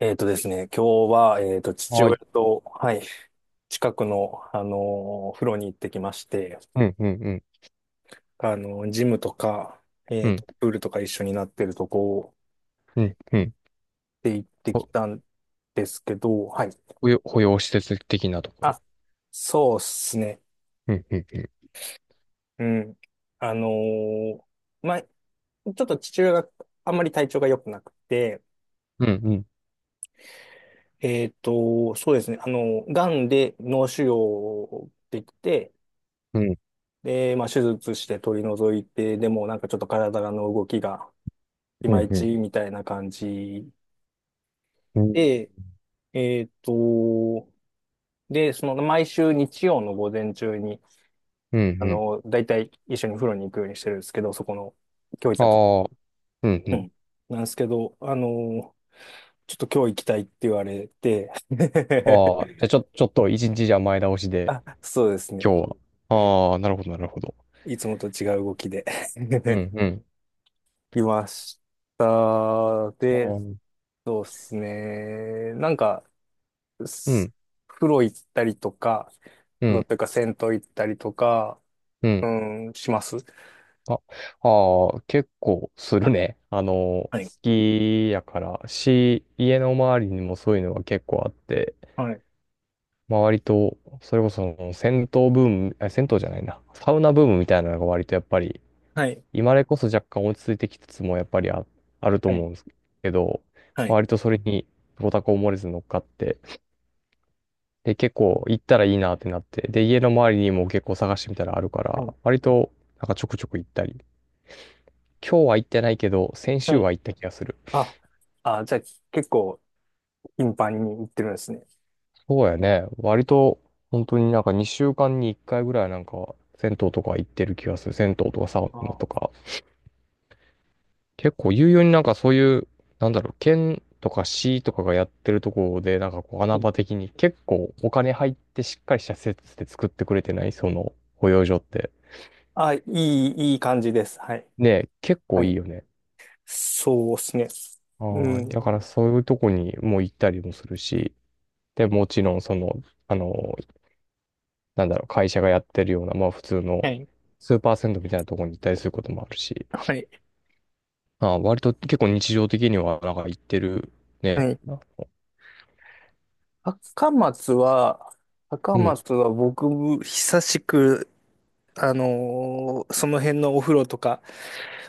えっとですね、今日は、父は親い。と、はい、近くの、風呂に行ってきまして、うん、うん、うん、ジムとか、うん、プールとか一緒になってるとこうん、うん。で行ってほきたんですけど、はい。保養、保養施設的なところ。あ、そうっすね。うん、うん、うん。あのーまあ、ちょっと父親があんまり体調が良くなくて、うん、そうですね、癌で脳腫瘍できて、うん、うん、で、まあ、手術して取り除いて、でもなんかちょっと体の動きがいうまん、いうちん、みたいな感じうん、で、えっと、で、その毎週日曜の午前中に、うん、うん。だいたい一緒に風呂に行くようにしてるんですけど、そこの、今日行ったとこ。ああ、うん、ううん。ん。なんですけど、ちょっと今日行きたいって言われて ああ、じゃ あちょっと一日じゃ前倒しで、あ、そうですね。今日ねは。ああ、なるほど、なるほど。いつもと違う動きで うん、うん、いました。あで、ー、そうですね。なんか、うすん、風呂行ったりとか、うん、風う呂っん。ていうか銭湯行ったりとか、うん。うん、します。あ、ああ、結構するね。好はい。きやから、家の周りにもそういうのが結構あって、はい。まあ割と、それこそ銭湯ブーム、あ銭湯じゃないな、サウナブームみたいなのが割とやっぱり、はい。今までこそ若干落ち着いてきつつもやっぱりあるとは思い。うんですけど、はい。割とそれにご多幸漏れず乗っかって、で、結構行ったらいいなってなって、で、家の周りにも結構探してみたらあるかはいら、割となんかちょくちょく行ったり、今日は行ってないけど、先は週いは行った気がする。あ、あ、じゃあ結構頻繁に行ってるんですね。そうやね、割と本当になんか2週間に1回ぐらいなんか、銭湯とか行ってる気がする。銭湯とかサウナあとあ、か。結構有用になんかそういう、なんだろう、県とか市とかがやってるところで、なんかこうい穴い、場的に結構お金入ってしっかりした施設で作ってくれてないその保養所って。あいい、いい感じです。はい。ねえ、結構はいいい。よね。そうですね。うああ、だん。からそういうとこにも行ったりもするし、で、もちろんその、あの、なんだろう、会社がやってるような、まあ普通のはい。スーパー銭湯みたいなところに行ったりすることもあるし、はい。ああ、割と結構日常的にはなんか行ってるね。はい。高松は、高うん、松は僕、久しく、その辺のお風呂とか、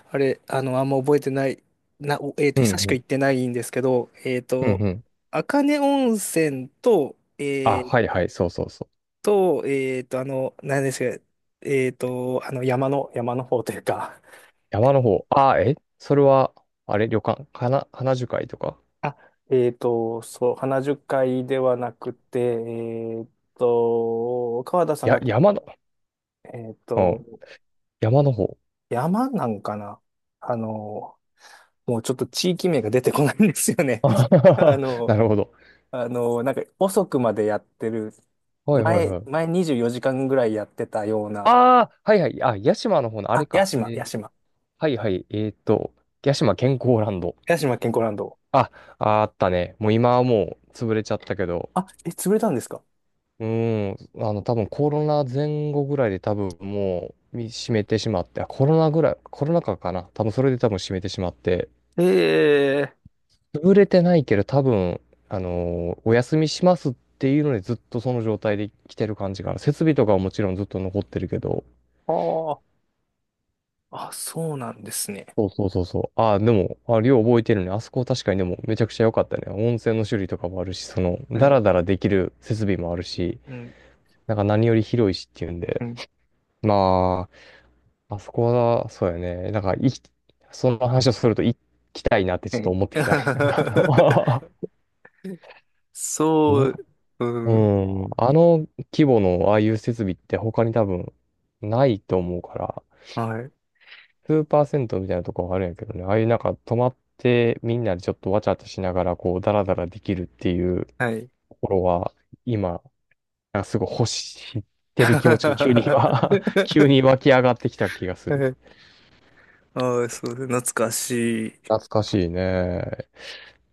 あれ、あの、あんま覚えてない、な、おえっと、うん、久しうく行ん、ってないんですけど、うん、うん。赤根温泉と、あ、はいはい、そうそうそう。何ですか、山の方というか、山の方。それは、あれ、旅館、花樹海とか。あ、そう、花樹海ではなくて、川田さんや、が、山の、えっうん、と、山の方。山なんかなあの、もうちょっと地域名が出てこないんですよ ね。あは あは、の、なるほど。なんか遅くまでやってる、はいはい前、はい。前24時間ぐらいやってたような、ああ、はいはい。あ、屋島の方の、あれあ、屋か。島、屋島。はいはい。屋島健康ランド。屋島健康ランド。あ、ああったね。もう今はもう潰れちゃったけど。あ、え、潰れたんですかうーん。多分コロナ前後ぐらいで多分もう閉めてしまって、あ、コロナぐらい、コロナ禍かな。多分それで多分閉めてしまって。ええ潰れてないけど、多分、お休みしますっていうのでずっとその状態で来てる感じかな。設備とかはもちろんずっと残ってるけど。ああー、あ、そうなんですね。そうそうそうそう。ああ、でも、あ、量覚えてるね。あそこ確かにでもめちゃくちゃ良かったね。温泉の種類とかもあるし、その、はダい。ラダラできる設備もあるし、うん、なんか何より広いしっていうんで。うん、まあ、あそこは、そうやね。なんか、その話をすると行きたいなってちはょっとい。思ってきたね。なんかそもう、ううん、ん、あの規模のああいう設備って他に多分ないと思うから、はい、スーパー銭湯みたいなとこはあるんやけどね、ああいうなんか泊まってみんなでちょっとわちゃわちゃしながらこうダラダラできるっていうはい。ところは今、なんかすごい欲してる気持ちが急に今 急に 湧き上がってきた気がする。ああ、そう、懐かしい。懐かしいね。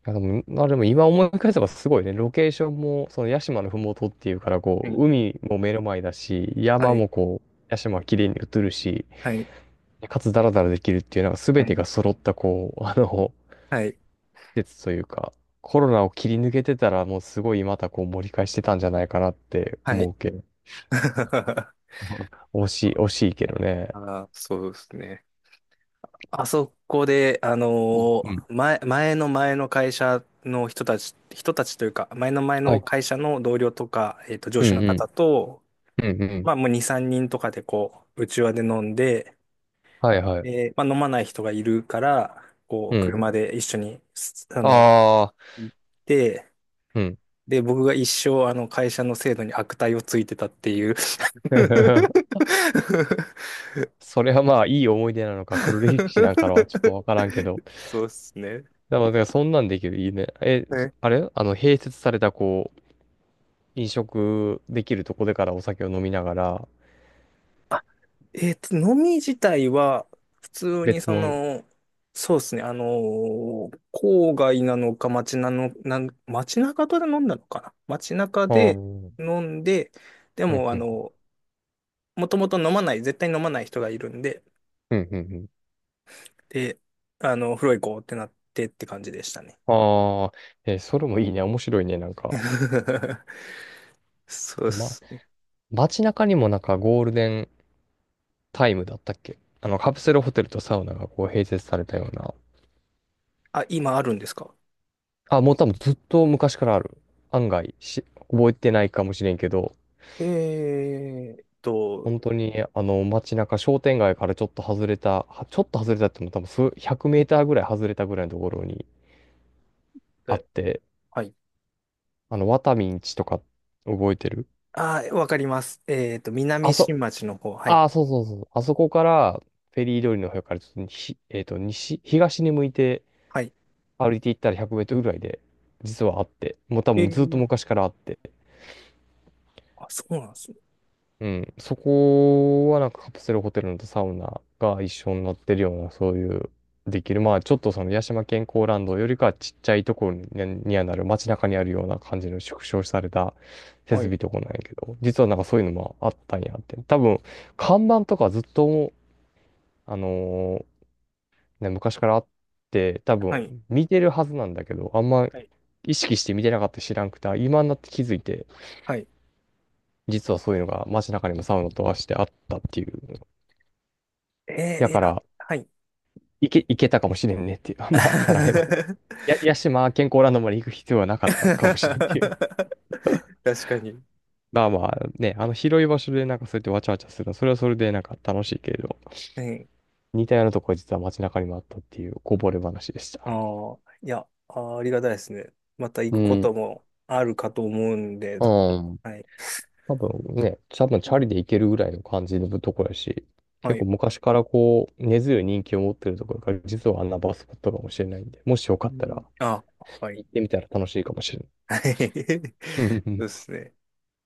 いやでも、まあでも今思い返せばすごいね。ロケーションも、その屋島のふもとっていうから、こはう、い、海も目の前だし、は山い、もこう、屋島は綺麗に映るし、はい、かつダラダラできるっていう、なんかは全てい、が揃った、こう、はい。季というか、コロナを切り抜けてたら、もうすごいまたこう盛り返してたんじゃないかなっては思い うけど。惜しい、惜しいけどね。あーそうですね。あそこで、うんうん。前の前の会社の人たち、人たちというか、前の前はのい。会社の同僚とか、上う司のんう方ん。と、うんうん。まあもう2、3人とかでこう、内わで飲んで、はいはい。で、まあ飲まない人がいるから、こうう、ん。車で一緒に、すあの、ああ、行って、うん。で、僕が一生、会社の制度に悪態をついてたっていう それはまあ、いい思い出なのか、黒歴史なんかのはちょっとわからんけど。そうですね。でも、だからそんなんできる、いいね。あれ併設された、こう、飲食できるとこでからお酒を飲みながら、飲み自体は、普通に別の。そうですね、郊外なのか街なの、街中で飲んだのかな街中ああ、うでん、飲んで、でうん、も、うん、もともと飲まない、絶対飲まない人がいるんで、うん、うん。で、風呂行こうってなってって感じでしたね。ああ、それもいいね。面白いね。なんか、そうっま、す。街中にもなんかゴールデンタイムだったっけカプセルホテルとサウナがこう併設されたような。あ、今あるんですかあ、もう多分ずっと昔からある。案外覚えてないかもしれんけど、えーっと、本当に、街中、商店街からちょっと外れた、ちょっと外れたっても多分数、100メーターぐらい外れたぐらいのところにあっえて、はい。ワタミンチとか覚えてる。あー、わかります。あ南そ、新町の方。はい。ああ、そうそうそう。あそこから、フェリー通りの方からちょっと西、西、東に向いてはい歩いていったら100メートルぐらいで、実はあって、もう多え分ずっとー、昔からあって、あ、そうなんですね。うん。そこはなんかカプセルホテルのとサウナが一緒になってるような、そういう、できる。まあ、ちょっとその八島健康ランドよりかはちっちゃいところにはなる、街中にあるような感じの縮小された設はい。備とこなんやけど、実はなんかそういうのもあったんやって。多分、看板とかずっと、あのーね、昔からあって、多は分い。見てるはずなんだけど、あんまはい。意識して見てなかった知らんくて、今になって気づいて、はい。実はそういうのが街中にもサウナとはしてあったっていう。やいかや、ら、はい。いけたかもしれんねっていう。まあ、たられば。や、屋島健康ランドまで行く必要はなかったかもしれんっていう。確かに。まあまあね、あの広い場所でなんかそうやってわちゃわちゃするの、それはそれでなんか楽しいけれど、はい。似たようなとこは実は街中にもあったっていうこぼれ話でした。ああ、いや、あー、ありがたいですね。また行うくことん。もあるかと思うんで、う多分ん。はい。多分ね、多分チャリで行けるぐらいの感じのところやし、は結構い。昔からこう、根強い人気を持ってるところから、実はあんなバスポットかもしれないんで、もしよかっうたらん、あ、はい。行ってみたら楽しいかもしれない。はい。うそうんですね。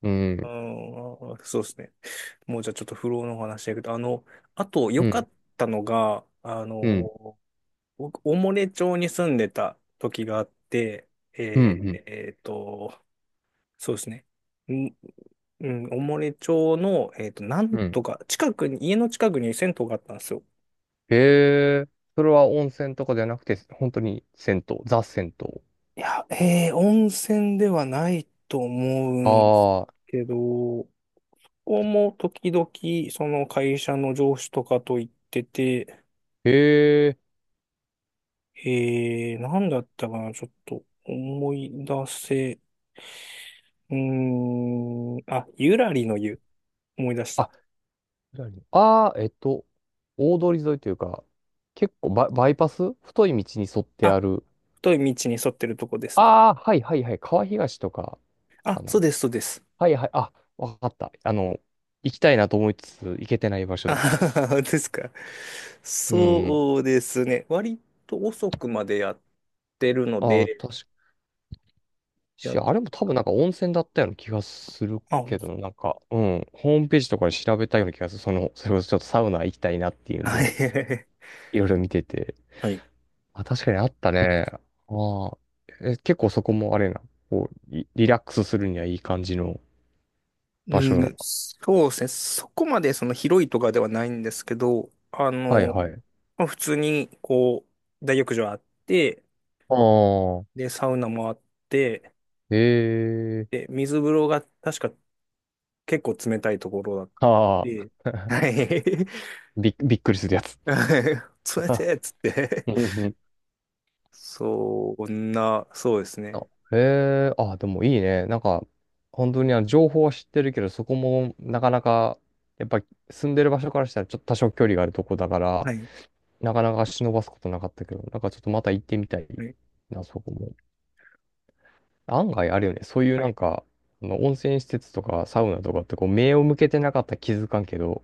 うん、うあん、ー、そうですね。もうじゃあちょっと不老のお話だけど、あと良うかん、ったのが、うん、僕、おもれ町に住んでた時があって、えうん、うーん。えーと、そうですね。んうん、おもれ町の、なんうん。とか、近くに、家の近くに銭湯があったんですよ。へえ、それは温泉とかじゃなくて、本当に銭湯、ザ銭湯。いや、温泉ではないと思うんですああ、けど、ここも時々、その会社の上司とかと行ってて、へえ、なんだったかな、ちょっと思い出せ、うーん、あ、ゆらりの湯、思い出した。あ、ああ、大通り沿いというか、結構バイパス太い道に沿ってあある。太い道に沿ってるとこですね。ああ、はいはいはい。川東とかあ、かそうな。です、そうです。はいはい。あ、わかった。行きたいなと思いつつ、行けてない場所あだ。ははは ですか。うん。そうですね。割と遅くまでやってるのああ、で、確かや、あれも多分なんか温泉だったような気がするあ、はけど、い。なんか、うん。ホームページとかで調べたような気がする。その、それこそちょっとサウナ行きたいなっていうんで、いろいろ見てて。はい。あ、確かにあったね。ああ。結構そこもあれな。こう、リラックスするにはいい感じの場所。うん、そうですね。そこまで広いとかではないんですけど、はいはい。まあ、普通にこう、大浴場あって、ああ。で、サウナもあって、ええ、で、水風呂が確か結構冷たいところだっああ。て、はい。びっくりするやつ。冷て えっつってうんうん。そんな、そうですね。あ、へえ、あ、でもいいね。なんか、本当にあの情報は知ってるけど、そこもなかなか、やっぱり住んでる場所からしたらちょっと多少距離があるとこだから、はい。なかなか忍ばすことなかったけど、なんかちょっとまた行ってみたいはい。な、そこも。案外あるよね。そういうはない。んか、あの温泉施設とかサウナとかってこう目を向けてなかったら気づかんけど、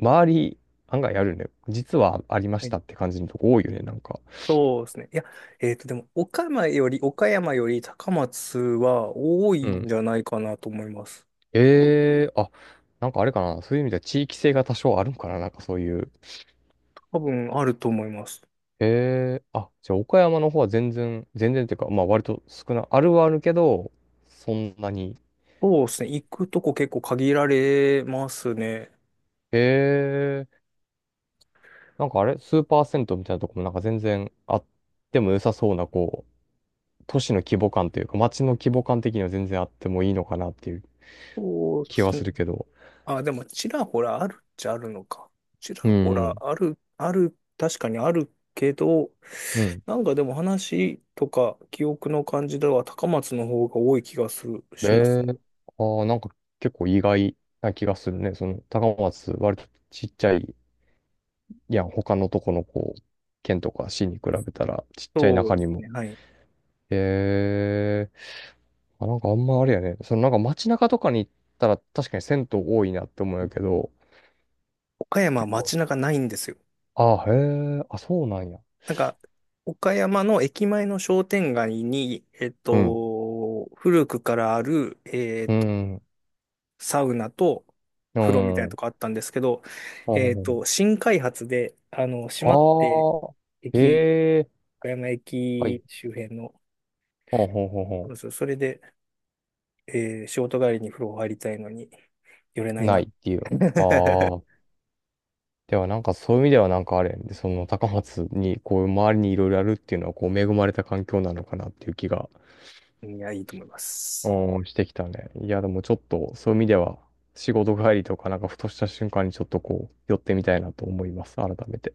周り案外あるよね。実はありまはしいたって感じのとこ多いよね、なんか。そうですね。いや、でも、岡山より高松は多ういんん。じゃないかなと思います。ええ、あ、なんかあれかな。そういう意味では地域性が多少あるんかな。なんかそういう。多分あると思います。ええ、あ、じゃあ岡山の方は全然、全然っていうか、まあ割とあるはあるけど、そんなに。そうですね。行くとこ結構限られますね。ええ、なんかあれ、スーパー銭湯みたいなとこもなんか全然あっても良さそうな、こう、都市の規模感というか、街の規模感的には全然あってもいいのかなっていうそうで気はすすね。るけど。あ、でも、ちらほらあるっちゃあるのか。ちらうほん、うらん。ある、ある、確かにあるけど、うん。なんかでも話とか記憶の感じでは高松の方が多い気がする、えしますえ、ねああー、なんか結構意外な気がするね。その、高松、割とちっちゃい。いや、他のとこのこう、県とか市に比べたらちっちゃいそう中でにすも。ね。はい。へえ。あ、なんかあんまあれやね。そのなんか街中とかに行ったら確かに銭湯多いなって思うんやけど、岡山は結構。街中ないんですよ。あ、へえ。あ、そうなんや。なんか、岡山の駅前の商店街に、うん。古くからある、うん。サウナとう風呂みたいん。なうとん。こあったんですけど、新開発で、閉まって、ああ。駅、へえ。岡山はい。駅周辺の、ほんほんほんそうほですそれで、仕事帰りに風呂入りたいのに、寄れなん。いないな。っていう。ああ。ではなんかそういう意味ではなんかあれやね。その高松にこう周りにいろいろあるっていうのはこう恵まれた環境なのかなっていう気が。いや、いいと思います。うん、してきたね。いや、でもちょっと、そういう意味では、仕事帰りとか、なんかふとした瞬間にちょっとこう、寄ってみたいなと思います。改めて。